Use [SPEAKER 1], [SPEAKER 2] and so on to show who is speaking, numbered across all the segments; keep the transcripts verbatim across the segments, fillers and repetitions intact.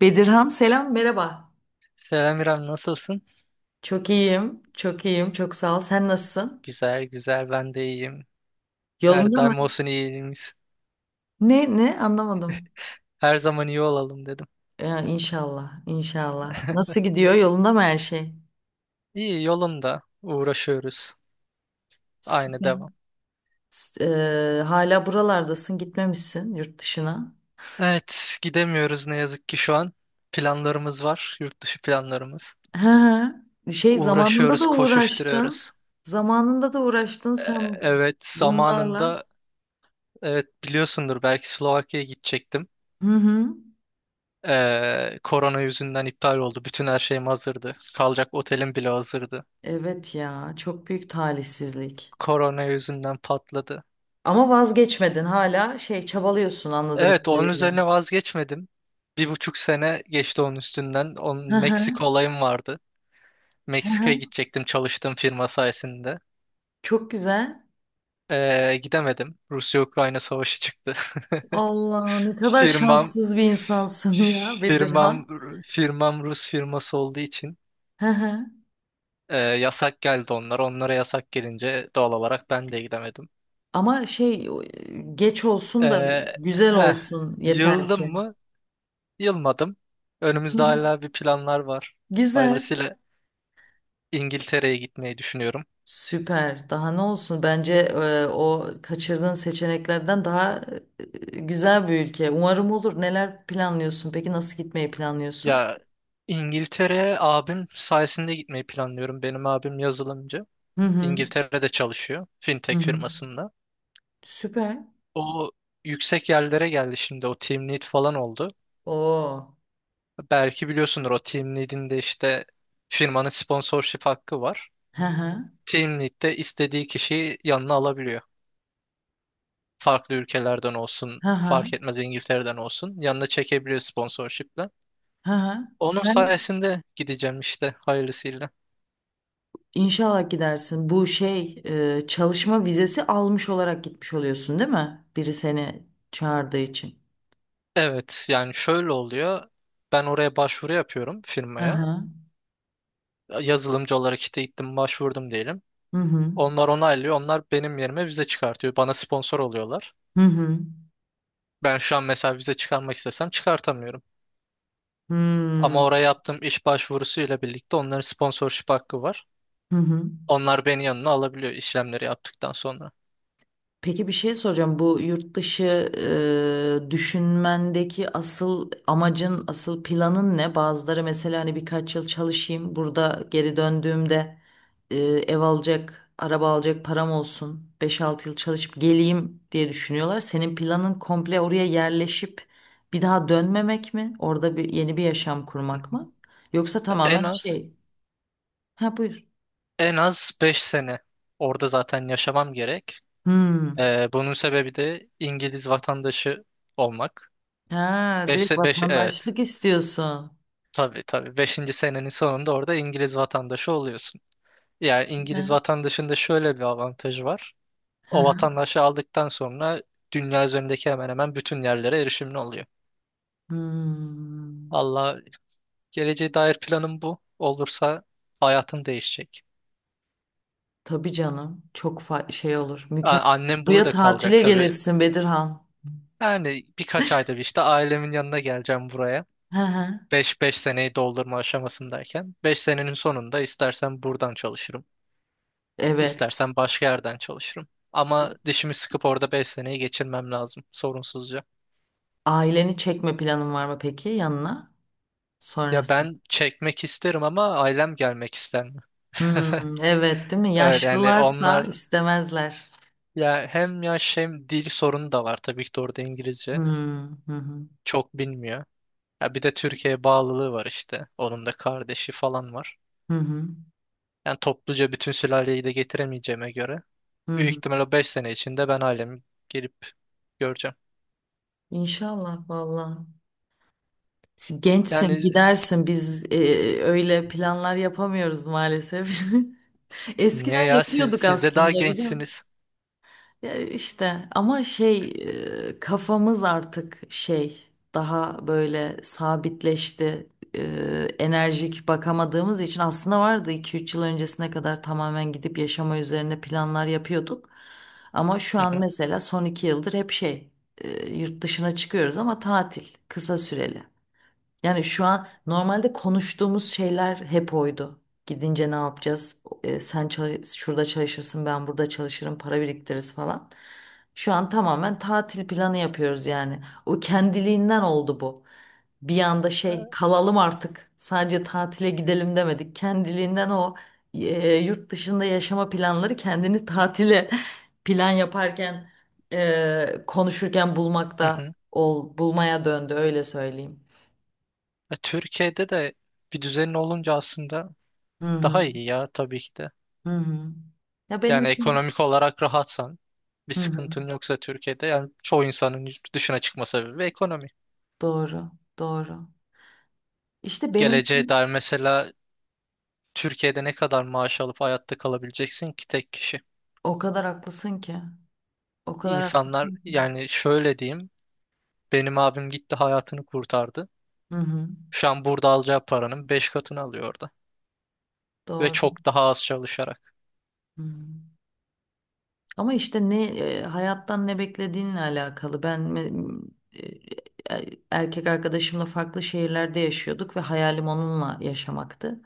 [SPEAKER 1] Bedirhan selam merhaba.
[SPEAKER 2] Selam İrem, nasılsın?
[SPEAKER 1] Çok iyiyim, çok iyiyim, çok sağ ol. Sen nasılsın?
[SPEAKER 2] Güzel güzel ben de iyiyim. Her
[SPEAKER 1] Yolunda mı?
[SPEAKER 2] daim olsun iyiliğimiz.
[SPEAKER 1] Ne ne anlamadım.
[SPEAKER 2] Her zaman iyi olalım dedim.
[SPEAKER 1] Ya, inşallah, inşallah. Nasıl gidiyor? Yolunda mı her şey?
[SPEAKER 2] İyi yolunda uğraşıyoruz. Aynı devam.
[SPEAKER 1] Süper. S- eee, hala buralardasın, gitmemişsin yurt dışına.
[SPEAKER 2] Evet gidemiyoruz ne yazık ki şu an. Planlarımız var. Yurt dışı planlarımız.
[SPEAKER 1] Hı hı. Şey zamanında
[SPEAKER 2] Uğraşıyoruz
[SPEAKER 1] da uğraştın.
[SPEAKER 2] koşuşturuyoruz.
[SPEAKER 1] Zamanında da uğraştın
[SPEAKER 2] Ee,
[SPEAKER 1] sen
[SPEAKER 2] evet
[SPEAKER 1] bunlarla.
[SPEAKER 2] zamanında evet biliyorsundur belki Slovakya'ya gidecektim.
[SPEAKER 1] Hı hı.
[SPEAKER 2] Ee, korona yüzünden iptal oldu. Bütün her şeyim hazırdı. Kalacak otelim bile hazırdı.
[SPEAKER 1] Evet ya, çok büyük talihsizlik.
[SPEAKER 2] Korona yüzünden patladı.
[SPEAKER 1] Ama vazgeçmedin hala şey çabalıyorsun anladığım
[SPEAKER 2] Evet onun
[SPEAKER 1] kadarıyla.
[SPEAKER 2] üzerine vazgeçmedim. Bir buçuk sene geçti onun üstünden. Onun
[SPEAKER 1] Hı hı,
[SPEAKER 2] Meksika olayım vardı.
[SPEAKER 1] hı
[SPEAKER 2] Meksika'ya
[SPEAKER 1] hı.
[SPEAKER 2] gidecektim çalıştığım firma sayesinde.
[SPEAKER 1] Çok güzel.
[SPEAKER 2] Ee, gidemedim. Rusya-Ukrayna savaşı çıktı.
[SPEAKER 1] Allah ne kadar
[SPEAKER 2] Firmam
[SPEAKER 1] şanssız bir insansın ya
[SPEAKER 2] firmam
[SPEAKER 1] Bedirhan.
[SPEAKER 2] firmam Rus firması olduğu için
[SPEAKER 1] Hı hı.
[SPEAKER 2] e, yasak geldi onlar. Onlara yasak gelince doğal olarak ben de gidemedim.
[SPEAKER 1] Ama şey o, e, geç olsun da
[SPEAKER 2] E,
[SPEAKER 1] güzel
[SPEAKER 2] heh,
[SPEAKER 1] olsun yeter
[SPEAKER 2] yıldım
[SPEAKER 1] ki.
[SPEAKER 2] mı? Yılmadım. Önümüzde hala bir planlar var.
[SPEAKER 1] Güzel.
[SPEAKER 2] Hayırlısıyla İngiltere'ye gitmeyi düşünüyorum.
[SPEAKER 1] Süper. Daha ne olsun? Bence e, o kaçırdığın seçeneklerden daha e, güzel bir ülke. Umarım olur. Neler planlıyorsun? Peki nasıl gitmeyi planlıyorsun?
[SPEAKER 2] Ya İngiltere'ye abim sayesinde gitmeyi planlıyorum. Benim abim yazılımcı.
[SPEAKER 1] Hı hı.
[SPEAKER 2] İngiltere'de çalışıyor.
[SPEAKER 1] Hı
[SPEAKER 2] Fintech
[SPEAKER 1] hı.
[SPEAKER 2] firmasında.
[SPEAKER 1] Süper.
[SPEAKER 2] O yüksek yerlere geldi şimdi. O team lead falan oldu.
[SPEAKER 1] Oo.
[SPEAKER 2] Belki biliyorsundur o team lead'in de işte firmanın sponsorship hakkı var.
[SPEAKER 1] Hı hı.
[SPEAKER 2] Team lead de istediği kişiyi yanına alabiliyor. Farklı ülkelerden olsun,
[SPEAKER 1] Hı hı.
[SPEAKER 2] fark etmez İngiltere'den olsun yanına çekebiliyor sponsorship'le.
[SPEAKER 1] Hı hı.
[SPEAKER 2] Onun
[SPEAKER 1] Sen
[SPEAKER 2] sayesinde gideceğim işte hayırlısıyla.
[SPEAKER 1] İnşallah gidersin. Bu şey e, çalışma vizesi almış olarak gitmiş oluyorsun, değil mi? Biri seni çağırdığı için.
[SPEAKER 2] Evet yani şöyle oluyor. Ben oraya başvuru yapıyorum
[SPEAKER 1] Hı
[SPEAKER 2] firmaya.
[SPEAKER 1] hı.
[SPEAKER 2] Yazılımcı olarak işte gittim başvurdum diyelim.
[SPEAKER 1] Hı hı.
[SPEAKER 2] Onlar onaylıyor. Onlar benim yerime vize çıkartıyor. Bana sponsor oluyorlar.
[SPEAKER 1] Hı hı.
[SPEAKER 2] Ben şu an mesela vize çıkarmak istesem çıkartamıyorum. Ama
[SPEAKER 1] Hmm.
[SPEAKER 2] oraya yaptığım iş başvurusuyla birlikte onların sponsorship hakkı var.
[SPEAKER 1] Hı hı.
[SPEAKER 2] Onlar beni yanına alabiliyor işlemleri yaptıktan sonra.
[SPEAKER 1] Peki bir şey soracağım. Bu yurt dışı e, düşünmendeki asıl amacın, asıl planın ne? Bazıları mesela hani birkaç yıl çalışayım, burada geri döndüğümde e, ev alacak, araba alacak param olsun, beş altı yıl çalışıp geleyim diye düşünüyorlar. Senin planın komple oraya yerleşip bir daha dönmemek mi? Orada bir yeni bir yaşam
[SPEAKER 2] Hı
[SPEAKER 1] kurmak
[SPEAKER 2] hı.
[SPEAKER 1] mı? Yoksa
[SPEAKER 2] En
[SPEAKER 1] tamamen
[SPEAKER 2] az
[SPEAKER 1] şey. Ha buyur.
[SPEAKER 2] En az beş sene orada zaten yaşamam gerek.
[SPEAKER 1] Hmm.
[SPEAKER 2] Ee, bunun sebebi de İngiliz vatandaşı olmak.
[SPEAKER 1] Ha
[SPEAKER 2] Beş,
[SPEAKER 1] direkt
[SPEAKER 2] beş, evet.
[SPEAKER 1] vatandaşlık istiyorsun.
[SPEAKER 2] Tabii tabii. Beşinci senenin sonunda orada İngiliz vatandaşı oluyorsun. Yani
[SPEAKER 1] Süper.
[SPEAKER 2] İngiliz vatandaşında şöyle bir avantajı var. O vatandaşı aldıktan sonra dünya üzerindeki hemen hemen bütün yerlere erişimli oluyor.
[SPEAKER 1] Hmm,
[SPEAKER 2] Allah geleceğe dair planım bu. Olursa hayatım değişecek.
[SPEAKER 1] tabii canım. Çok fa- şey olur.
[SPEAKER 2] A-
[SPEAKER 1] Mükemmel.
[SPEAKER 2] Annem
[SPEAKER 1] Buraya
[SPEAKER 2] burada kalacak
[SPEAKER 1] tatile
[SPEAKER 2] tabii.
[SPEAKER 1] gelirsin Bedirhan.
[SPEAKER 2] Yani birkaç ayda bir işte ailemin yanına geleceğim buraya.
[SPEAKER 1] Hı hı.
[SPEAKER 2] 5-5 seneyi doldurma aşamasındayken beş senenin sonunda istersen buradan çalışırım,
[SPEAKER 1] Evet.
[SPEAKER 2] istersen başka yerden çalışırım. Ama dişimi sıkıp orada beş seneyi geçirmem lazım sorunsuzca.
[SPEAKER 1] Aileni çekme planın var mı peki yanına?
[SPEAKER 2] Ya
[SPEAKER 1] Sonrasında.
[SPEAKER 2] ben çekmek isterim ama ailem gelmek ister mi?
[SPEAKER 1] Hmm, evet değil mi?
[SPEAKER 2] Evet yani
[SPEAKER 1] Yaşlılarsa
[SPEAKER 2] onlar
[SPEAKER 1] istemezler.
[SPEAKER 2] ya hem yaş hem dil sorunu da var tabii ki de orada İngilizce
[SPEAKER 1] Hmm, hı hı,
[SPEAKER 2] çok bilmiyor. Ya bir de Türkiye'ye bağlılığı var işte. Onun da kardeşi falan var.
[SPEAKER 1] hı hı,
[SPEAKER 2] Yani topluca bütün sülaleyi de getiremeyeceğime göre
[SPEAKER 1] hı
[SPEAKER 2] büyük
[SPEAKER 1] hı.
[SPEAKER 2] ihtimal o beş sene içinde ben ailemi gelip göreceğim.
[SPEAKER 1] İnşallah valla. Gençsin
[SPEAKER 2] Yani
[SPEAKER 1] gidersin, biz e, öyle planlar yapamıyoruz maalesef.
[SPEAKER 2] niye
[SPEAKER 1] Eskiden
[SPEAKER 2] ya siz
[SPEAKER 1] yapıyorduk
[SPEAKER 2] siz de daha
[SPEAKER 1] aslında biliyor musun?
[SPEAKER 2] gençsiniz.
[SPEAKER 1] Ya işte ama şey e, kafamız artık şey daha böyle sabitleşti. E, Enerjik bakamadığımız için aslında vardı iki üç yıl öncesine kadar tamamen gidip yaşama üzerine planlar yapıyorduk. Ama şu
[SPEAKER 2] Hı
[SPEAKER 1] an
[SPEAKER 2] hı,
[SPEAKER 1] mesela son iki yıldır hep şey e, yurt dışına çıkıyoruz ama tatil kısa süreli. Yani şu an normalde konuştuğumuz şeyler hep oydu. Gidince ne yapacağız? E, sen çal- şurada çalışırsın, ben burada çalışırım, para biriktiririz falan. Şu an tamamen tatil planı yapıyoruz yani. O kendiliğinden oldu bu. Bir anda şey kalalım artık. Sadece tatile gidelim demedik. Kendiliğinden o e, yurt dışında yaşama planları kendini tatile plan yaparken e, konuşurken
[SPEAKER 2] hı
[SPEAKER 1] bulmakta
[SPEAKER 2] hı.
[SPEAKER 1] ol bulmaya döndü öyle söyleyeyim.
[SPEAKER 2] E, Türkiye'de de bir düzenin olunca aslında
[SPEAKER 1] Hı
[SPEAKER 2] daha
[SPEAKER 1] hı.
[SPEAKER 2] iyi ya tabii ki de.
[SPEAKER 1] Hı hı. Ya benim
[SPEAKER 2] Yani
[SPEAKER 1] için
[SPEAKER 2] ekonomik olarak rahatsan bir
[SPEAKER 1] hı hı.
[SPEAKER 2] sıkıntın yoksa Türkiye'de yani çoğu insanın yurt dışına çıkma sebebi ekonomi.
[SPEAKER 1] Doğru, doğru. İşte benim
[SPEAKER 2] Geleceğe
[SPEAKER 1] için
[SPEAKER 2] dair mesela Türkiye'de ne kadar maaş alıp hayatta kalabileceksin ki tek kişi?
[SPEAKER 1] o kadar haklısın ki. O kadar
[SPEAKER 2] İnsanlar
[SPEAKER 1] haklısın ki.
[SPEAKER 2] yani şöyle diyeyim benim abim gitti hayatını kurtardı.
[SPEAKER 1] Hı hı.
[SPEAKER 2] Şu an burada alacağı paranın beş katını alıyor orada. Ve
[SPEAKER 1] Doğru.
[SPEAKER 2] çok daha az çalışarak.
[SPEAKER 1] Hı. Ama işte ne e, hayattan ne beklediğinle alakalı. Ben me- e, e, erkek arkadaşımla farklı şehirlerde yaşıyorduk ve hayalim onunla yaşamaktı.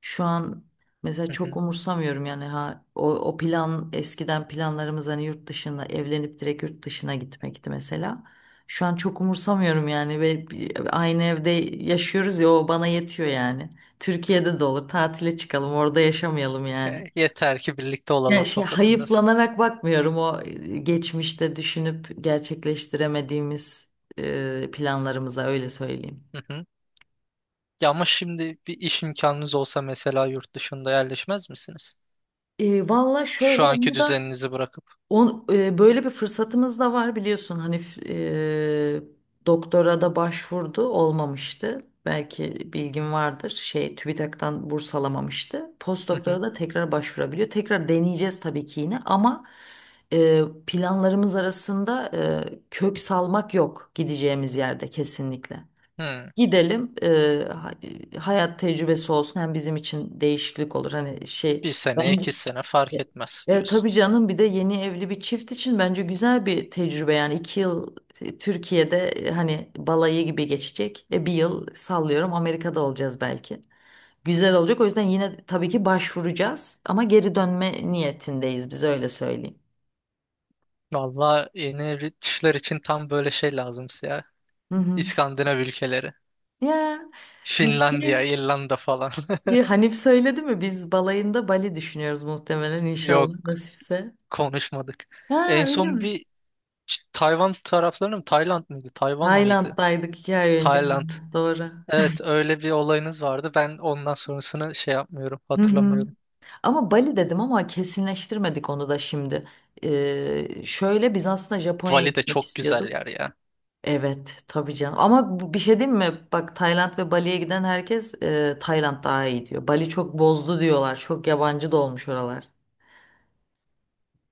[SPEAKER 1] Şu an mesela
[SPEAKER 2] Hı
[SPEAKER 1] çok
[SPEAKER 2] hı.
[SPEAKER 1] umursamıyorum yani ha o, o plan eskiden planlarımız hani yurt dışına evlenip direkt yurt dışına gitmekti mesela. Şu an çok umursamıyorum yani ve bir- aynı evde yaşıyoruz ya o bana yetiyor yani. Türkiye'de de olur tatile çıkalım orada yaşamayalım yani.
[SPEAKER 2] E, Yeter ki birlikte
[SPEAKER 1] Yani
[SPEAKER 2] olalım
[SPEAKER 1] şey
[SPEAKER 2] kafasındasın.
[SPEAKER 1] hayıflanarak bakmıyorum o e, geçmişte düşünüp gerçekleştiremediğimiz e, planlarımıza öyle söyleyeyim.
[SPEAKER 2] Hı hı. Ya ama şimdi bir iş imkanınız olsa mesela yurt dışında yerleşmez misiniz?
[SPEAKER 1] E, valla
[SPEAKER 2] Şu
[SPEAKER 1] şöyle
[SPEAKER 2] anki
[SPEAKER 1] onu da
[SPEAKER 2] düzeninizi bırakıp.
[SPEAKER 1] On, e, böyle bir fırsatımız da var biliyorsun hani e, doktora da başvurdu olmamıştı. Belki bilgin vardır şey TÜBİTAK'tan burs alamamıştı.
[SPEAKER 2] Hı
[SPEAKER 1] Postdoktora
[SPEAKER 2] hı.
[SPEAKER 1] da tekrar başvurabiliyor. Tekrar deneyeceğiz tabii ki yine ama e, planlarımız arasında e, kök salmak yok gideceğimiz yerde kesinlikle.
[SPEAKER 2] Hı.
[SPEAKER 1] Gidelim e, ha- e, hayat tecrübesi olsun hem bizim için değişiklik olur hani şey.
[SPEAKER 2] Bir sene,
[SPEAKER 1] Bence
[SPEAKER 2] iki sene fark etmez
[SPEAKER 1] e, e,
[SPEAKER 2] diyorsun.
[SPEAKER 1] tabii canım bir de yeni evli bir çift için bence güzel bir tecrübe yani iki yıl e, Türkiye'de e, hani balayı gibi geçecek. E, bir yıl sallıyorum Amerika'da olacağız belki. Güzel olacak o yüzden yine tabii ki başvuracağız ama geri dönme niyetindeyiz biz öyle söyleyeyim.
[SPEAKER 2] Valla yeni evli çiftler için tam böyle şey lazım ya.
[SPEAKER 1] Hı hı.
[SPEAKER 2] İskandinav ülkeleri.
[SPEAKER 1] Ya
[SPEAKER 2] Finlandiya,
[SPEAKER 1] peki,
[SPEAKER 2] İrlanda falan.
[SPEAKER 1] e, Hanif söyledi mi biz balayında Bali düşünüyoruz muhtemelen inşallah
[SPEAKER 2] Yok
[SPEAKER 1] nasipse.
[SPEAKER 2] konuşmadık.
[SPEAKER 1] Ha
[SPEAKER 2] En
[SPEAKER 1] öyle
[SPEAKER 2] son
[SPEAKER 1] mi?
[SPEAKER 2] bir işte Tayvan taraflarına mı? Tayland mıydı? Tayvan mıydı?
[SPEAKER 1] Tayland'daydık iki ay önce.
[SPEAKER 2] Tayland.
[SPEAKER 1] Doğru.
[SPEAKER 2] Evet öyle bir olayınız vardı. Ben ondan sonrasını şey yapmıyorum.
[SPEAKER 1] Hı hı.
[SPEAKER 2] Hatırlamıyorum.
[SPEAKER 1] Ama Bali dedim ama kesinleştirmedik onu da şimdi. Ee, şöyle biz aslında Japonya'ya
[SPEAKER 2] Bali de
[SPEAKER 1] gitmek
[SPEAKER 2] çok güzel
[SPEAKER 1] istiyorduk.
[SPEAKER 2] yer ya.
[SPEAKER 1] Evet tabii canım. Ama bu- bir şey diyeyim mi? Bak Tayland ve Bali'ye giden herkes e, Tayland daha iyi diyor. Bali çok bozdu diyorlar. Çok yabancı da olmuş oralar.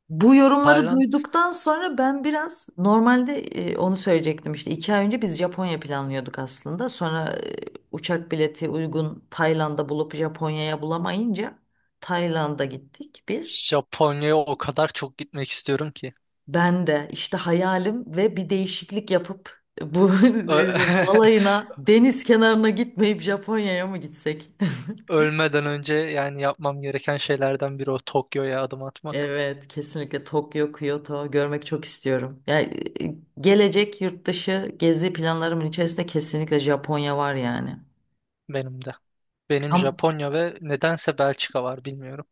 [SPEAKER 1] Bu yorumları
[SPEAKER 2] Tayland,
[SPEAKER 1] duyduktan sonra ben biraz normalde e, onu söyleyecektim işte iki ay önce biz Japonya planlıyorduk aslında. Sonra e, uçak bileti uygun Tayland'da bulup Japonya'ya bulamayınca Tayland'a gittik biz.
[SPEAKER 2] Japonya'ya o kadar çok gitmek istiyorum ki.
[SPEAKER 1] Ben de işte hayalim ve bir değişiklik yapıp e, bu
[SPEAKER 2] Ö-
[SPEAKER 1] balayına deniz kenarına gitmeyip Japonya'ya mı gitsek?
[SPEAKER 2] Ölmeden önce yani yapmam gereken şeylerden biri o Tokyo'ya adım atmak.
[SPEAKER 1] Evet, kesinlikle Tokyo, Kyoto görmek çok istiyorum. Yani e, gelecek yurt dışı gezi planlarımın içerisinde kesinlikle Japonya var yani.
[SPEAKER 2] Benim de. Benim
[SPEAKER 1] Tam
[SPEAKER 2] Japonya ve nedense Belçika var bilmiyorum.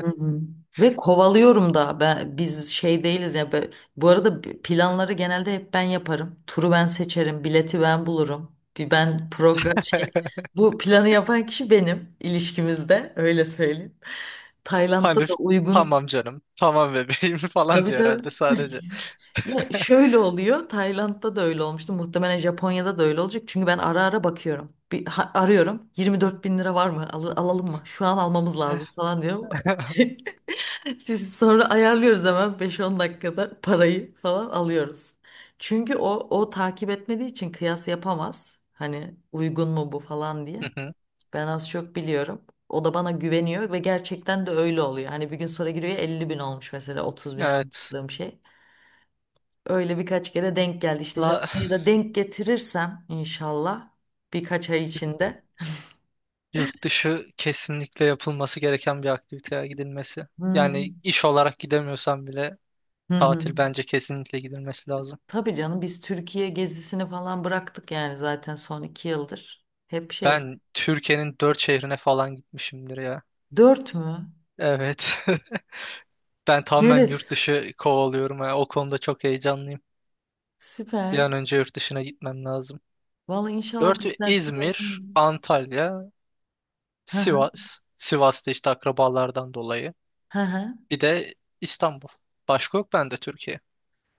[SPEAKER 1] Hı hı. Ve kovalıyorum da ben biz şey değiliz ya be- bu arada b- planları genelde hep ben yaparım. Turu ben seçerim, bileti ben bulurum. Bir ben program şey bu planı yapan kişi benim ilişkimizde öyle söyleyeyim. Tayland'da
[SPEAKER 2] Hani
[SPEAKER 1] da uygun
[SPEAKER 2] tamam canım, tamam bebeğim falan
[SPEAKER 1] tabii
[SPEAKER 2] diyor
[SPEAKER 1] tabii.
[SPEAKER 2] herhalde sadece.
[SPEAKER 1] Ya şöyle oluyor. Tayland'da da öyle olmuştu. Muhtemelen Japonya'da da öyle olacak. Çünkü ben ara ara bakıyorum. Bir ha- arıyorum. yirmi dört bin lira var mı? Al- alalım mı? Şu an almamız
[SPEAKER 2] Hı
[SPEAKER 1] lazım falan diyorum. Siz sonra ayarlıyoruz hemen beş on dakikada parayı falan alıyoruz. Çünkü o o takip etmediği için kıyas yapamaz. Hani uygun mu bu falan diye.
[SPEAKER 2] hı.
[SPEAKER 1] Ben az çok biliyorum. O da bana güveniyor ve gerçekten de öyle oluyor. Hani bir gün sonra giriyor elli bin olmuş mesela otuz bine
[SPEAKER 2] Evet.
[SPEAKER 1] aldığım şey. Öyle birkaç kere denk geldi. İşte
[SPEAKER 2] La,
[SPEAKER 1] Japonya'da denk getirirsem inşallah birkaç ay içinde.
[SPEAKER 2] yurt dışı kesinlikle yapılması gereken bir aktiviteye gidilmesi. Yani
[SPEAKER 1] Hmm.
[SPEAKER 2] iş olarak gidemiyorsan bile
[SPEAKER 1] Hı hı.
[SPEAKER 2] tatil bence kesinlikle gidilmesi lazım.
[SPEAKER 1] Tabii canım biz Türkiye gezisini falan bıraktık yani zaten son iki yıldır. Hep şey.
[SPEAKER 2] Ben Türkiye'nin dört şehrine falan gitmişimdir ya.
[SPEAKER 1] Dört mü?
[SPEAKER 2] Evet. Ben tamamen
[SPEAKER 1] Neresi?
[SPEAKER 2] yurt dışı kovalıyorum ya. O konuda çok heyecanlıyım. Bir
[SPEAKER 1] Süper.
[SPEAKER 2] an önce yurt dışına gitmem lazım.
[SPEAKER 1] Vallahi inşallah
[SPEAKER 2] Dört: İzmir,
[SPEAKER 1] beklentilerin.
[SPEAKER 2] Antalya,
[SPEAKER 1] Hı hı,
[SPEAKER 2] Sivas. Sivas'ta işte akrabalardan dolayı.
[SPEAKER 1] hı hı.
[SPEAKER 2] Bir de İstanbul. Başka yok bende Türkiye.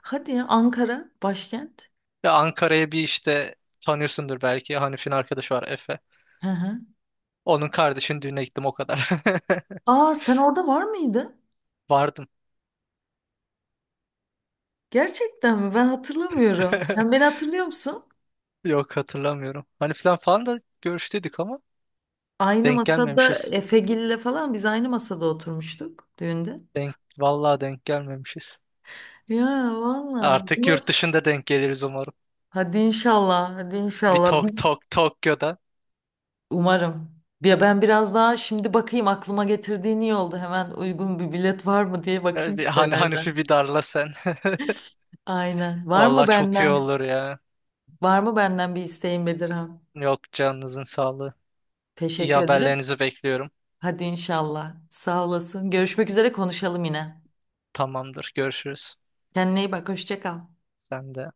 [SPEAKER 1] Hadi ya Ankara başkent.
[SPEAKER 2] Ve Ankara'ya bir işte tanıyorsundur belki. Hanif'in arkadaşı var Efe.
[SPEAKER 1] Hı hı.
[SPEAKER 2] Onun kardeşinin düğüne gittim o kadar.
[SPEAKER 1] Aa sen orada var mıydın?
[SPEAKER 2] Vardım.
[SPEAKER 1] Gerçekten mi? Ben hatırlamıyorum. Sen beni hatırlıyor musun?
[SPEAKER 2] Yok hatırlamıyorum. Hanif'ten falan falan da görüştüydük ama
[SPEAKER 1] Aynı
[SPEAKER 2] denk
[SPEAKER 1] masada
[SPEAKER 2] gelmemişiz.
[SPEAKER 1] Efegil'le falan biz aynı masada oturmuştuk düğünde.
[SPEAKER 2] Denk, vallahi denk gelmemişiz.
[SPEAKER 1] Ya valla.
[SPEAKER 2] Artık yurt
[SPEAKER 1] Bunu-
[SPEAKER 2] dışında denk geliriz umarım.
[SPEAKER 1] Hadi inşallah, hadi
[SPEAKER 2] Bir
[SPEAKER 1] inşallah.
[SPEAKER 2] tok
[SPEAKER 1] Biz
[SPEAKER 2] tok Tokyo'da.
[SPEAKER 1] Umarım. Ya ben biraz daha şimdi bakayım aklıma getirdiğin iyi oldu. Hemen uygun bir bilet var mı diye
[SPEAKER 2] Ya
[SPEAKER 1] bakayım
[SPEAKER 2] bir- Hani Hanifi
[SPEAKER 1] sitelerden.
[SPEAKER 2] bir darla sen.
[SPEAKER 1] Aynen. Var mı
[SPEAKER 2] Vallahi çok iyi
[SPEAKER 1] benden?
[SPEAKER 2] olur ya.
[SPEAKER 1] Var mı benden bir isteğin Bedirhan?
[SPEAKER 2] Yok canınızın sağlığı. İyi
[SPEAKER 1] Teşekkür ederim.
[SPEAKER 2] haberlerinizi bekliyorum.
[SPEAKER 1] Hadi inşallah. Sağ olasın. Görüşmek üzere konuşalım yine.
[SPEAKER 2] Tamamdır. Görüşürüz.
[SPEAKER 1] Kendine iyi bak. Hoşça kal.
[SPEAKER 2] Sen de.